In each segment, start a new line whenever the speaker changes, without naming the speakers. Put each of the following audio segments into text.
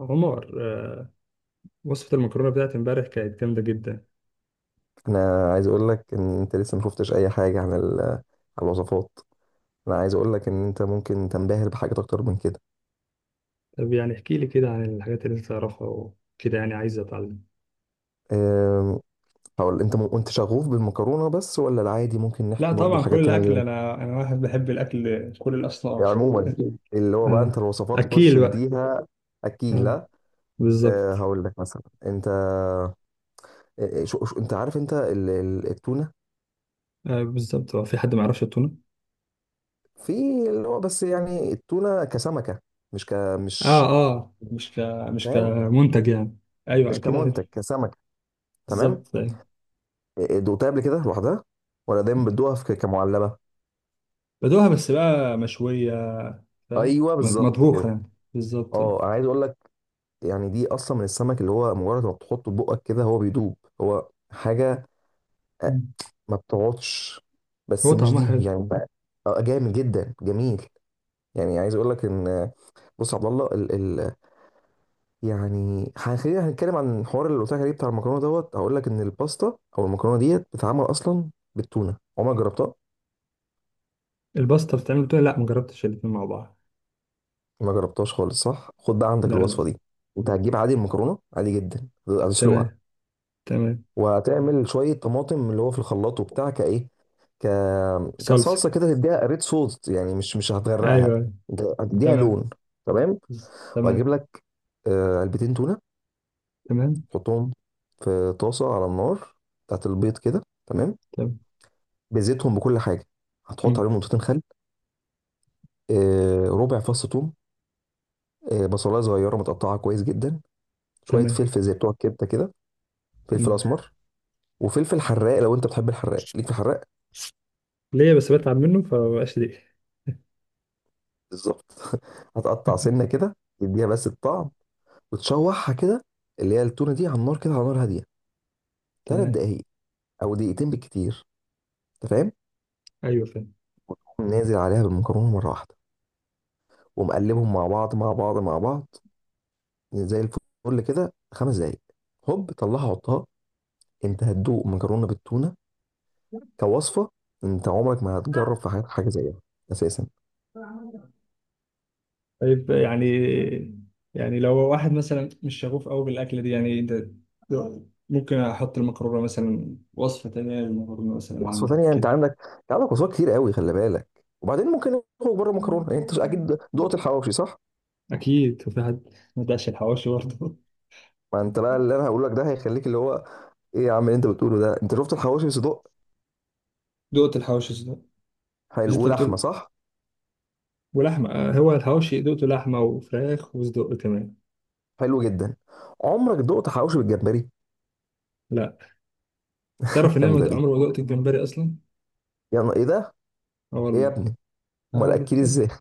عمر وصفة المكرونة بتاعت امبارح كانت جامدة جدا.
انا عايز اقول لك ان انت لسه ما شفتش اي حاجه عن الوصفات انا عايز اقول لك ان انت ممكن تنبهر بحاجات اكتر من كده.
طب يعني احكي لي كده عن الحاجات اللي انت تعرفها وكده، يعني عايز اتعلم.
أم، هقول انت انت شغوف بالمكرونه بس ولا العادي؟ ممكن
لا
نحكي برضو
طبعا كل
حاجات تانية
الاكل،
جدا
انا واحد بحب الاكل كل
يعني
الاصناف.
عموما، اللي هو بقى انت
اه
الوصفات خش
اكيل بقى.
اديها. اكيد
اه
لا.
بالظبط.
هقول لك مثلا انت، انت عارف انت التونه؟
آه بالظبط، هو في حد ما يعرفش التونة؟
في اللي هو بس يعني التونه كسمكه، مش ك مش
اه. اه مش ك
فاهم،
كمنتج يعني. ايوه
مش
اكيد عارف.
كمنتج، كسمكه. تمام.
بالظبط أيوة.
دوقتها قبل كده لوحدها؟ ولا دايما بتدوقها في كمعلبه؟
بدوها بس بقى مشويه، فاهم،
ايوه بالظبط
مطبوخه
كده.
يعني بالظبط.
اه، عايز اقول لك، يعني دي اصلا من السمك اللي هو مجرد ما بتحطه في بقك كده هو بيدوب، هو حاجه، آه،
مم.
ما بتقعدش. بس
هو
مش
طعمها
دي
حلو.
يعني جامد جدا، جميل. يعني عايز اقول لك ان بص يا عبد الله، ال ال يعني خلينا هنتكلم عن الحوار اللي قلت لك عليه بتاع المكرونه دوت. هقول لك ان الباستا او المكرونه ديت بتتعمل اصلا بالتونه. عمرك جربتها؟
الباستا بتتعمل، بتقول؟ لا مجربتش الاتنين مع بعض.
ما جربتهاش خالص، صح؟ خد بقى عندك
لا لا.
الوصفه دي. انت هتجيب عادي المكرونه، عادي جدا هتسلقها،
تمام، تمام.
وهتعمل شويه طماطم اللي هو في الخلاط وبتاع كايه، ك
صلصة.
كصلصه كده، تديها ريد صوص يعني، مش
أيوه
هتغرقها،
أيوة.
انت هتديها
تمام.
لون. تمام. وهجيب
تمام.
لك علبتين تونه،
تمام.
حطهم في طاسه على النار بتاعت البيض كده، تمام،
تمام.
بزيتهم بكل حاجه. هتحط
مم.
عليهم نقطتين خل، ربع فص ثوم، بصلايه صغيره متقطعه كويس جدا، شويه
تمام.
فلفل زي بتوع الكبده كده، فلفل
مم.
اسمر، وفلفل حراق لو انت بتحب الحراق. ليك في الحراق؟
ليه بس بتعب منه فمبقاش ليه.
بالظبط. هتقطع سنه كده تديها بس الطعم، وتشوحها كده، اللي هي التونه دي، على النار كده على نار هاديه، ثلاث
تمام.
دقايق او دقيقتين بالكتير. انت فاهم؟
أيوه فاهم.
تقوم نازل عليها بالمكرونه مره واحده، ومقلبهم مع بعض مع بعض مع بعض زي الفل كده خمس دقايق. هوب، طلعها حطها. انت هتدوق مكرونه بالتونه كوصفه انت عمرك ما هتجرب في حياتك حاجه زيها اساسا.
طيب يعني، يعني لو واحد مثلا مش شغوف قوي بالأكلة دي، يعني أنت ممكن أحط المكرونة مثلا، وصفة تانية للمكرونة مثلا
وصفه
عندك
تانية؟ انت
كده؟
عندك، انت عندك وصفات كتير قوي، خلي بالك. وبعدين ممكن نخرج بره المكرونه. يعني انت اكيد دقت الحواوشي، صح؟
أكيد. وفي حد ما دقش الحواوشي برضه؟
ما انت بقى اللي انا هقول لك ده هيخليك اللي هو، ايه يا عم اللي انت بتقوله ده! انت شفت الحواوشي صدق؟
دقت الحواوشي صدق. بس
حلو
أنت
ولحمه
بتقول
صح؟
ولحمة، هو الحواوشي دقته لحمة وفراخ وصدق كمان.
حلو جدا. عمرك دقت حواوشي بالجمبري؟
لا. تعرف إن أنا ما
الجامده
د-
دي،
عمري ما دقت الجمبري أصلا.
يعني ايه ده؟
اه
ايه يا
والله.
ابني،
اه
امال
والله.
اكل ازاي؟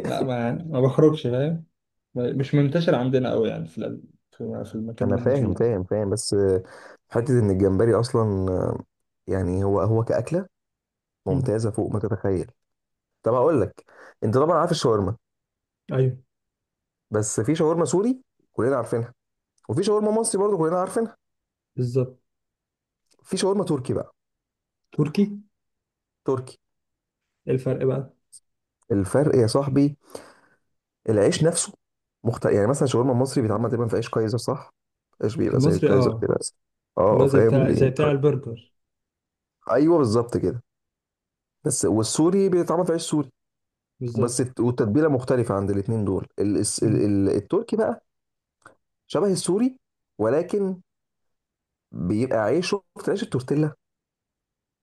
لا، ما يعني ما بخرجش، فاهم؟ مش منتشر عندنا أوي يعني في المكان
انا
اللي إحنا فيه
فاهم
يعني.
فاهم فاهم، بس حته ان الجمبري اصلا، يعني هو هو كاكله
مم.
ممتازه فوق ما تتخيل. طب هقول لك، انت طبعا عارف الشاورما.
أيوه
بس في شاورما سوري كلنا عارفينها، وفي شاورما مصري برضو كلنا عارفينها.
بالظبط.
في شاورما تركي بقى.
تركي.
تركي.
إيه الفرق بقى؟
الفرق يا صاحبي، العيش نفسه مختلف. يعني مثلا شاورما مصري بيتعمل تقريبا في عيش كايزر، صح؟ عيش بيبقى زي
المصري
الكايزر
اه.
كده بس. اه
اللي هو زي
فاهم
بتاع زي بتاع البرجر.
ايوه بالظبط كده. بس والسوري بيتعمل في عيش سوري، بس
بالظبط.
الت- والتتبيله مختلفه عند الاتنين دول. ال... الس- ال...
مم.
ال... التركي بقى شبه السوري، ولكن بيبقى عيش. شفت عيش التورتيلا؟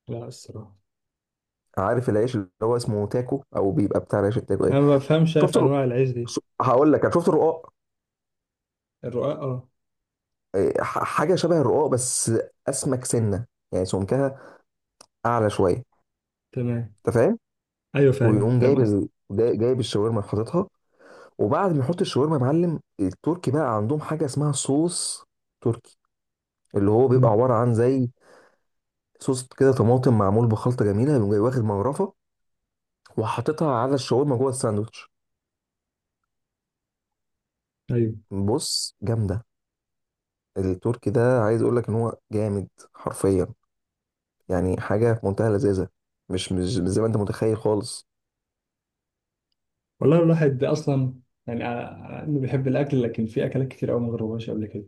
لا الصراحة.
عارف العيش اللي هو اسمه تاكو، او بيبقى بتاع عيش التاكو ايه؟
أنا ما بفهمش أنا
شفت
في
الر-
أنواع العيش دي.
هقول لك، شفت الرقاق؟
الرقاق اه.
حاجه شبه الرقاق، بس اسمك سنه، يعني سمكها اعلى شويه.
تمام.
انت فاهم؟
أيوه فاهم،
ويقوم
فاهم
جايب
قصدي.
جايب الشاورما حاططها. وبعد ما يحط الشاورما يا معلم، التركي بقى عندهم حاجه اسمها صوص تركي، اللي هو بيبقى
مم.
عباره عن زي صوص كده طماطم معمول بخلطه جميله. يقوم جاي واخد مغرفه وحاططها على الشاورما جوه الساندوتش.
أيوه.
بص، جامده. التركي ده عايز اقول لك ان هو جامد حرفيا، يعني حاجه في منتهى اللذاذه، مش زي ما انت متخيل خالص.
والله الواحد اصلا، يعني انه بيحب الاكل، لكن في اكلات كتير قوي ما جربهاش قبل كده.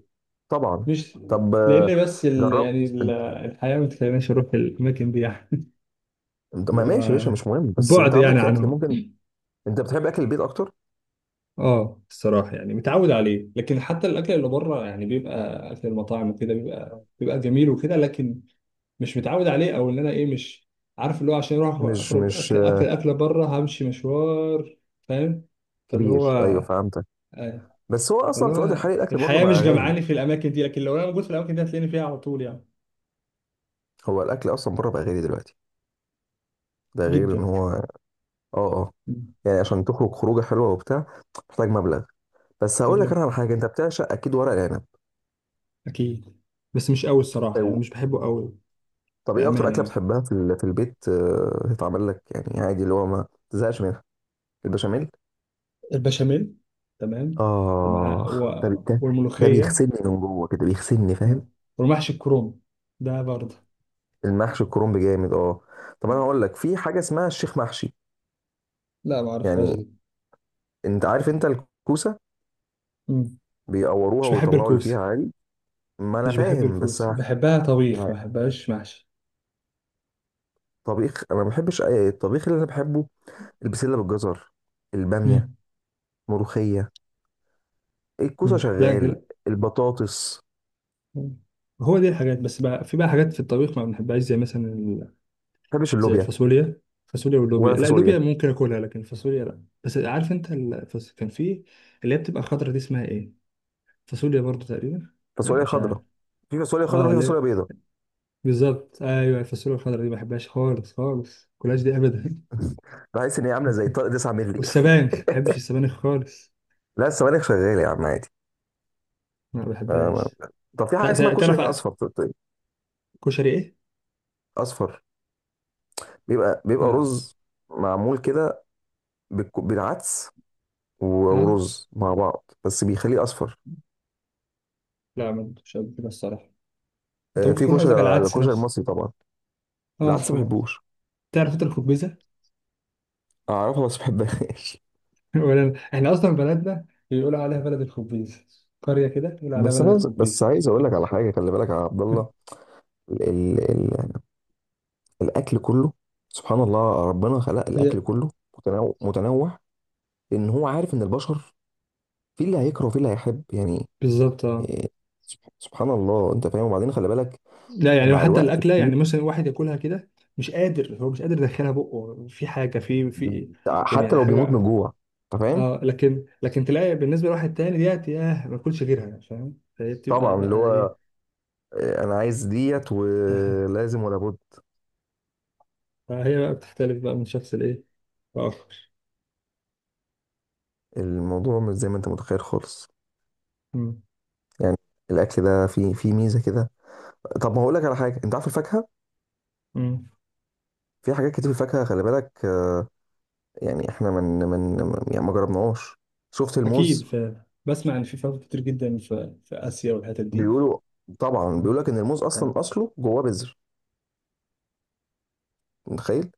طبعا.
مش.
طب
لان بس
جرب.
يعني
انت
الحياه ما تخليناش اروح الاماكن دي يعني. اللي
ما ماشي يا باشا،
هو
مش مهم، بس
البعد
انت عندك
يعني
في اكل
عنهم.
ممكن. انت بتحب اكل البيت اكتر.
اه الصراحه يعني متعود عليه، لكن حتى الاكل اللي بره يعني بيبقى اكل المطاعم وكده، بيبقى جميل وكده، لكن مش متعود عليه، او ان انا ايه، مش عارف اللي هو، عشان اروح
مش
اخرج
مش
اكل، اكل
آه،
اكله بره همشي مشوار، فاهم؟ فاللي
كبير، ايوه
هو،
فهمتك.
آه،
بس هو اصلا
فاللي
في الوقت
هو
الحالي الاكل بره
الحياه مش
بقى غالي.
جمعاني في الاماكن دي، لكن لو انا موجود في الاماكن دي هتلاقيني فيها على طول يعني.
هو الاكل اصلا بره بقى غالي دلوقتي، ده غير ان
جدا.
هو اه. اه،
مم.
يعني عشان تخرج خروجه حلوه وبتاع، محتاج مبلغ. بس هقول لك
مبلغ.
انا على حاجه، انت بتعشق اكيد ورق العنب.
اكيد، بس مش قوي الصراحه، يعني
أو-
مش بحبه قوي.
طب ايه اكتر
بامانه
اكله
يعني؟
بتحبها في البيت تتعمل لك يعني عادي اللي هو ما تزهقش منها؟ البشاميل.
البشاميل. تمام. ومع
آه. ده، ده
والملوخيه.
بيغسلني من جوه كده، بيغسلني،
آه.
فاهم.
والمحشي الكروم ده برضه.
المحشي الكرنب جامد، اه. طب انا
مم.
هقول لك في حاجة اسمها الشيخ محشي.
لا ما اعرفهاش
يعني
دي.
انت عارف انت الكوسة،
مم.
بيقوروها
مش بحب
ويطلعوا اللي
الكوسه.
فيها عادي. ما انا
مش بحب
فاهم بس
الكوسه، بحبها طبيخ،
يعني
ما بحبهاش محشي.
طبيخ، انا ما بحبش الطبيخ اللي انا بحبه البسلة بالجزر، البامية،
مم.
ملوخية، الكوسة
لا
شغال،
لا.
البطاطس.
هو دي الحاجات، بس بقى في بقى حاجات في الطبيخ ما بنحبهاش، زي مثلا
ما بحبش
زي
اللوبيا
الفاصوليا. الفاصوليا واللوبيا،
ولا
لا
فاصوليا.
اللوبيا ممكن اكلها، لكن الفاصوليا لا. بس عارف انت كان في اللي هي بتبقى خضرا دي، اسمها ايه؟ فاصوليا برضو تقريبا. لا
فاصوليا
مش عارف.
خضراء؟ في فاصوليا خضراء
اه
وفي
لا.
فاصوليا بيضاء.
بالظبط ايوه، الفاصوليا الخضرا دي ما بحبهاش خالص خالص، كلاش دي ابدا.
بحس ان هي عامله زي طارق 9 مللي.
والسبانخ، ما بحبش السبانخ خالص.
لا السبانخ شغال يا عم عادي.
ما
آه،
بحبهاش.
طب في حاجه اسمها كشري
تعرف
اصفر، طيب،
كشري ايه؟
اصفر بيبقى، بيبقى
لا.
رز معمول كده بالعدس و-
اه.
ورز مع بعض، بس بيخليه اصفر.
لا ما كنتش قبل كده الصراحه. انت ممكن
في
تكون قصدك على
كشري
العدس
الكشري
نفسه.
المصري طبعا.
اه
العدس ما
طبعا.
بحبوش.
تعرف انت الخبيزه؟
اعرفها بس ما بحبهاش.
ولا أنا. احنا اصلا بلدنا بيقولوا عليها بلد الخبيز، قريه كده بيقولوا عليها بلد
بس
الخبيز.
عايز اقول لك على حاجه، خلي بالك يا عبد الله، ال ال ال الاكل كله، سبحان الله ربنا خلق
هي.
الاكل كله متنوع، متنوع، لان هو عارف ان البشر في اللي هيكره وفي اللي هيحب، يعني.
بالظبط اه.
إيه، سبحان الله، انت فاهم؟ وبعدين خلي بالك
لا يعني
مع
حتى
الوقت
الاكله،
كتير،
يعني مثلا واحد ياكلها كده مش قادر، هو مش قادر يدخلها بقه، في حاجه في
حتى
يعني
لو بيموت من
حاجه.
جوع. انت فاهم؟
اه، لكن لكن تلاقي بالنسبه لواحد تاني ديت ياه ما اكلش غيرها يعني، فاهم؟ فهي بتبقى
طبعا، اللي
بقى
هو
ايه.
انا عايز ديت ولازم ولا بد.
فهي بقى بتختلف بقى من شخص لايه، لاخر.
الموضوع مش زي ما انت متخيل خالص
أمم.
يعني، الاكل ده فيه، فيه ميزه كده. طب ما هقول لك على حاجه، انت عارف الفاكهه،
أمم.
في حاجات كتير في الفاكهه، خلي بالك يعني احنا من من، يعني ما جربناهاش. شفت
اكيد،
الموز؟
ف بسمع ان في فاكهه كتير جدا في في اسيا والحتت دي.
بيقولوا، طبعا
آه.
بيقول لك ان الموز
طيب.
اصلا اصله جواه بذر. متخيل؟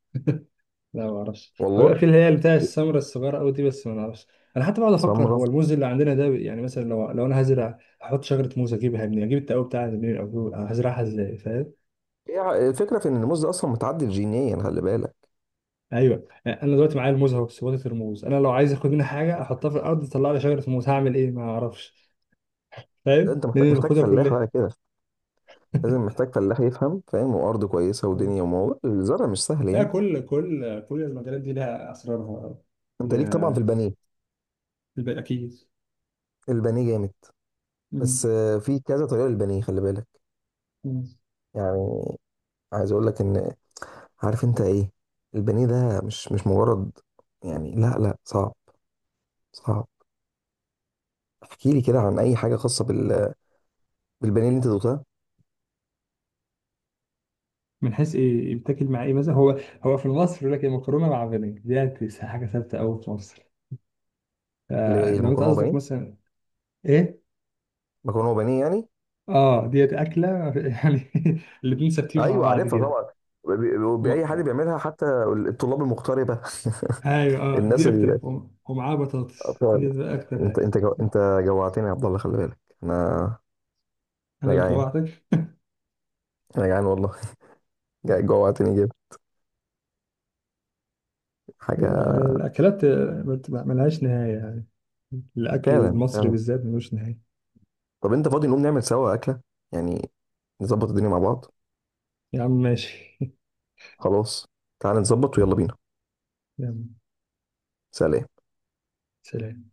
لا ما اعرفش. هو
والله.
بيبقى في اللي هي بتاع السمرة الصغيرة قوي دي، بس ما اعرفش. انا حتى بقعد افكر
سمرة.
هو الموز اللي عندنا ده، يعني مثلا لو انا هزرع، احط شجرة موز، اجيبها منين، اجيب التقوي بتاعها منين، او هزرعها ازاي، فاهم؟
الفكره في ان الموز ده اصلا متعدل جينيا، خلي بالك.
ايوه يعني انا دلوقتي معايا الموز اهو، سبوتة الموز، انا لو عايز اخد منها حاجة احطها في الارض تطلع لي شجرة موز، هعمل ايه؟ ما اعرفش.
ده
فاهم،
انت
لان
محتاج،
اللي
محتاج
باخدها
فلاح
كلها.
بقى كده، لازم محتاج فلاح يفهم، فاهم؟ وارض كويسه
آه.
ودنيا، وموضوع الزرع مش سهل
لا،
يعني.
كل كل كل المجالات دي لها اسرارها.
انت ليك طبعا في
لها
البانيه.
الباقي اكيد.
البانيه جامد، بس
مم.
في كذا طريقه للبانيه، خلي بالك.
مم.
يعني عايز اقول لك ان، عارف انت ايه، البانيه ده مش مجرد، يعني لا لا، صعب، صعب. احكي لي كده عن اي حاجه خاصه بالبانيه اللي انت دوقتها.
من حيث ايه، بتاكل مع ايه مثلا؟ هو هو في مصر يقول لك مكرونه مع بانيه، ديت حاجه ثابته قوي في مصر.
اللي
آه
هي
لو انت
المكرونه
قصدك
وبانيه.
مثلا. ايه.
مكرونه وبانيه يعني.
اه ديت اكله يعني، الاتنين ثابتين مع
ايوه
بعض
عارفها
كده.
طبعا، باي حد
وم-
بيعملها، حتى الطلاب المغتربه.
ايوه اه دي
الناس،
اكتر، ومعاها بطاطس
الاطفال.
دي بقى اكتر
انت
حاجه.
انت جو... انت جوعتني يا عبد الله، خلي بالك. انا
انا
انا
اللي
جعان،
جوعتك؟
انا جعان والله. جوعتني جدا حاجه،
الاكلات ملهاش نهايه يعني. الاكل
فعلا،
المصري
فعلا.
بالذات ملوش نهايه.
طب انت فاضي نقوم نعمل سوا اكله، يعني نظبط الدنيا مع بعض؟
يا عم ماشي.
خلاص، تعال نظبط ويلا بينا.
يلا.
سلام.
سلام.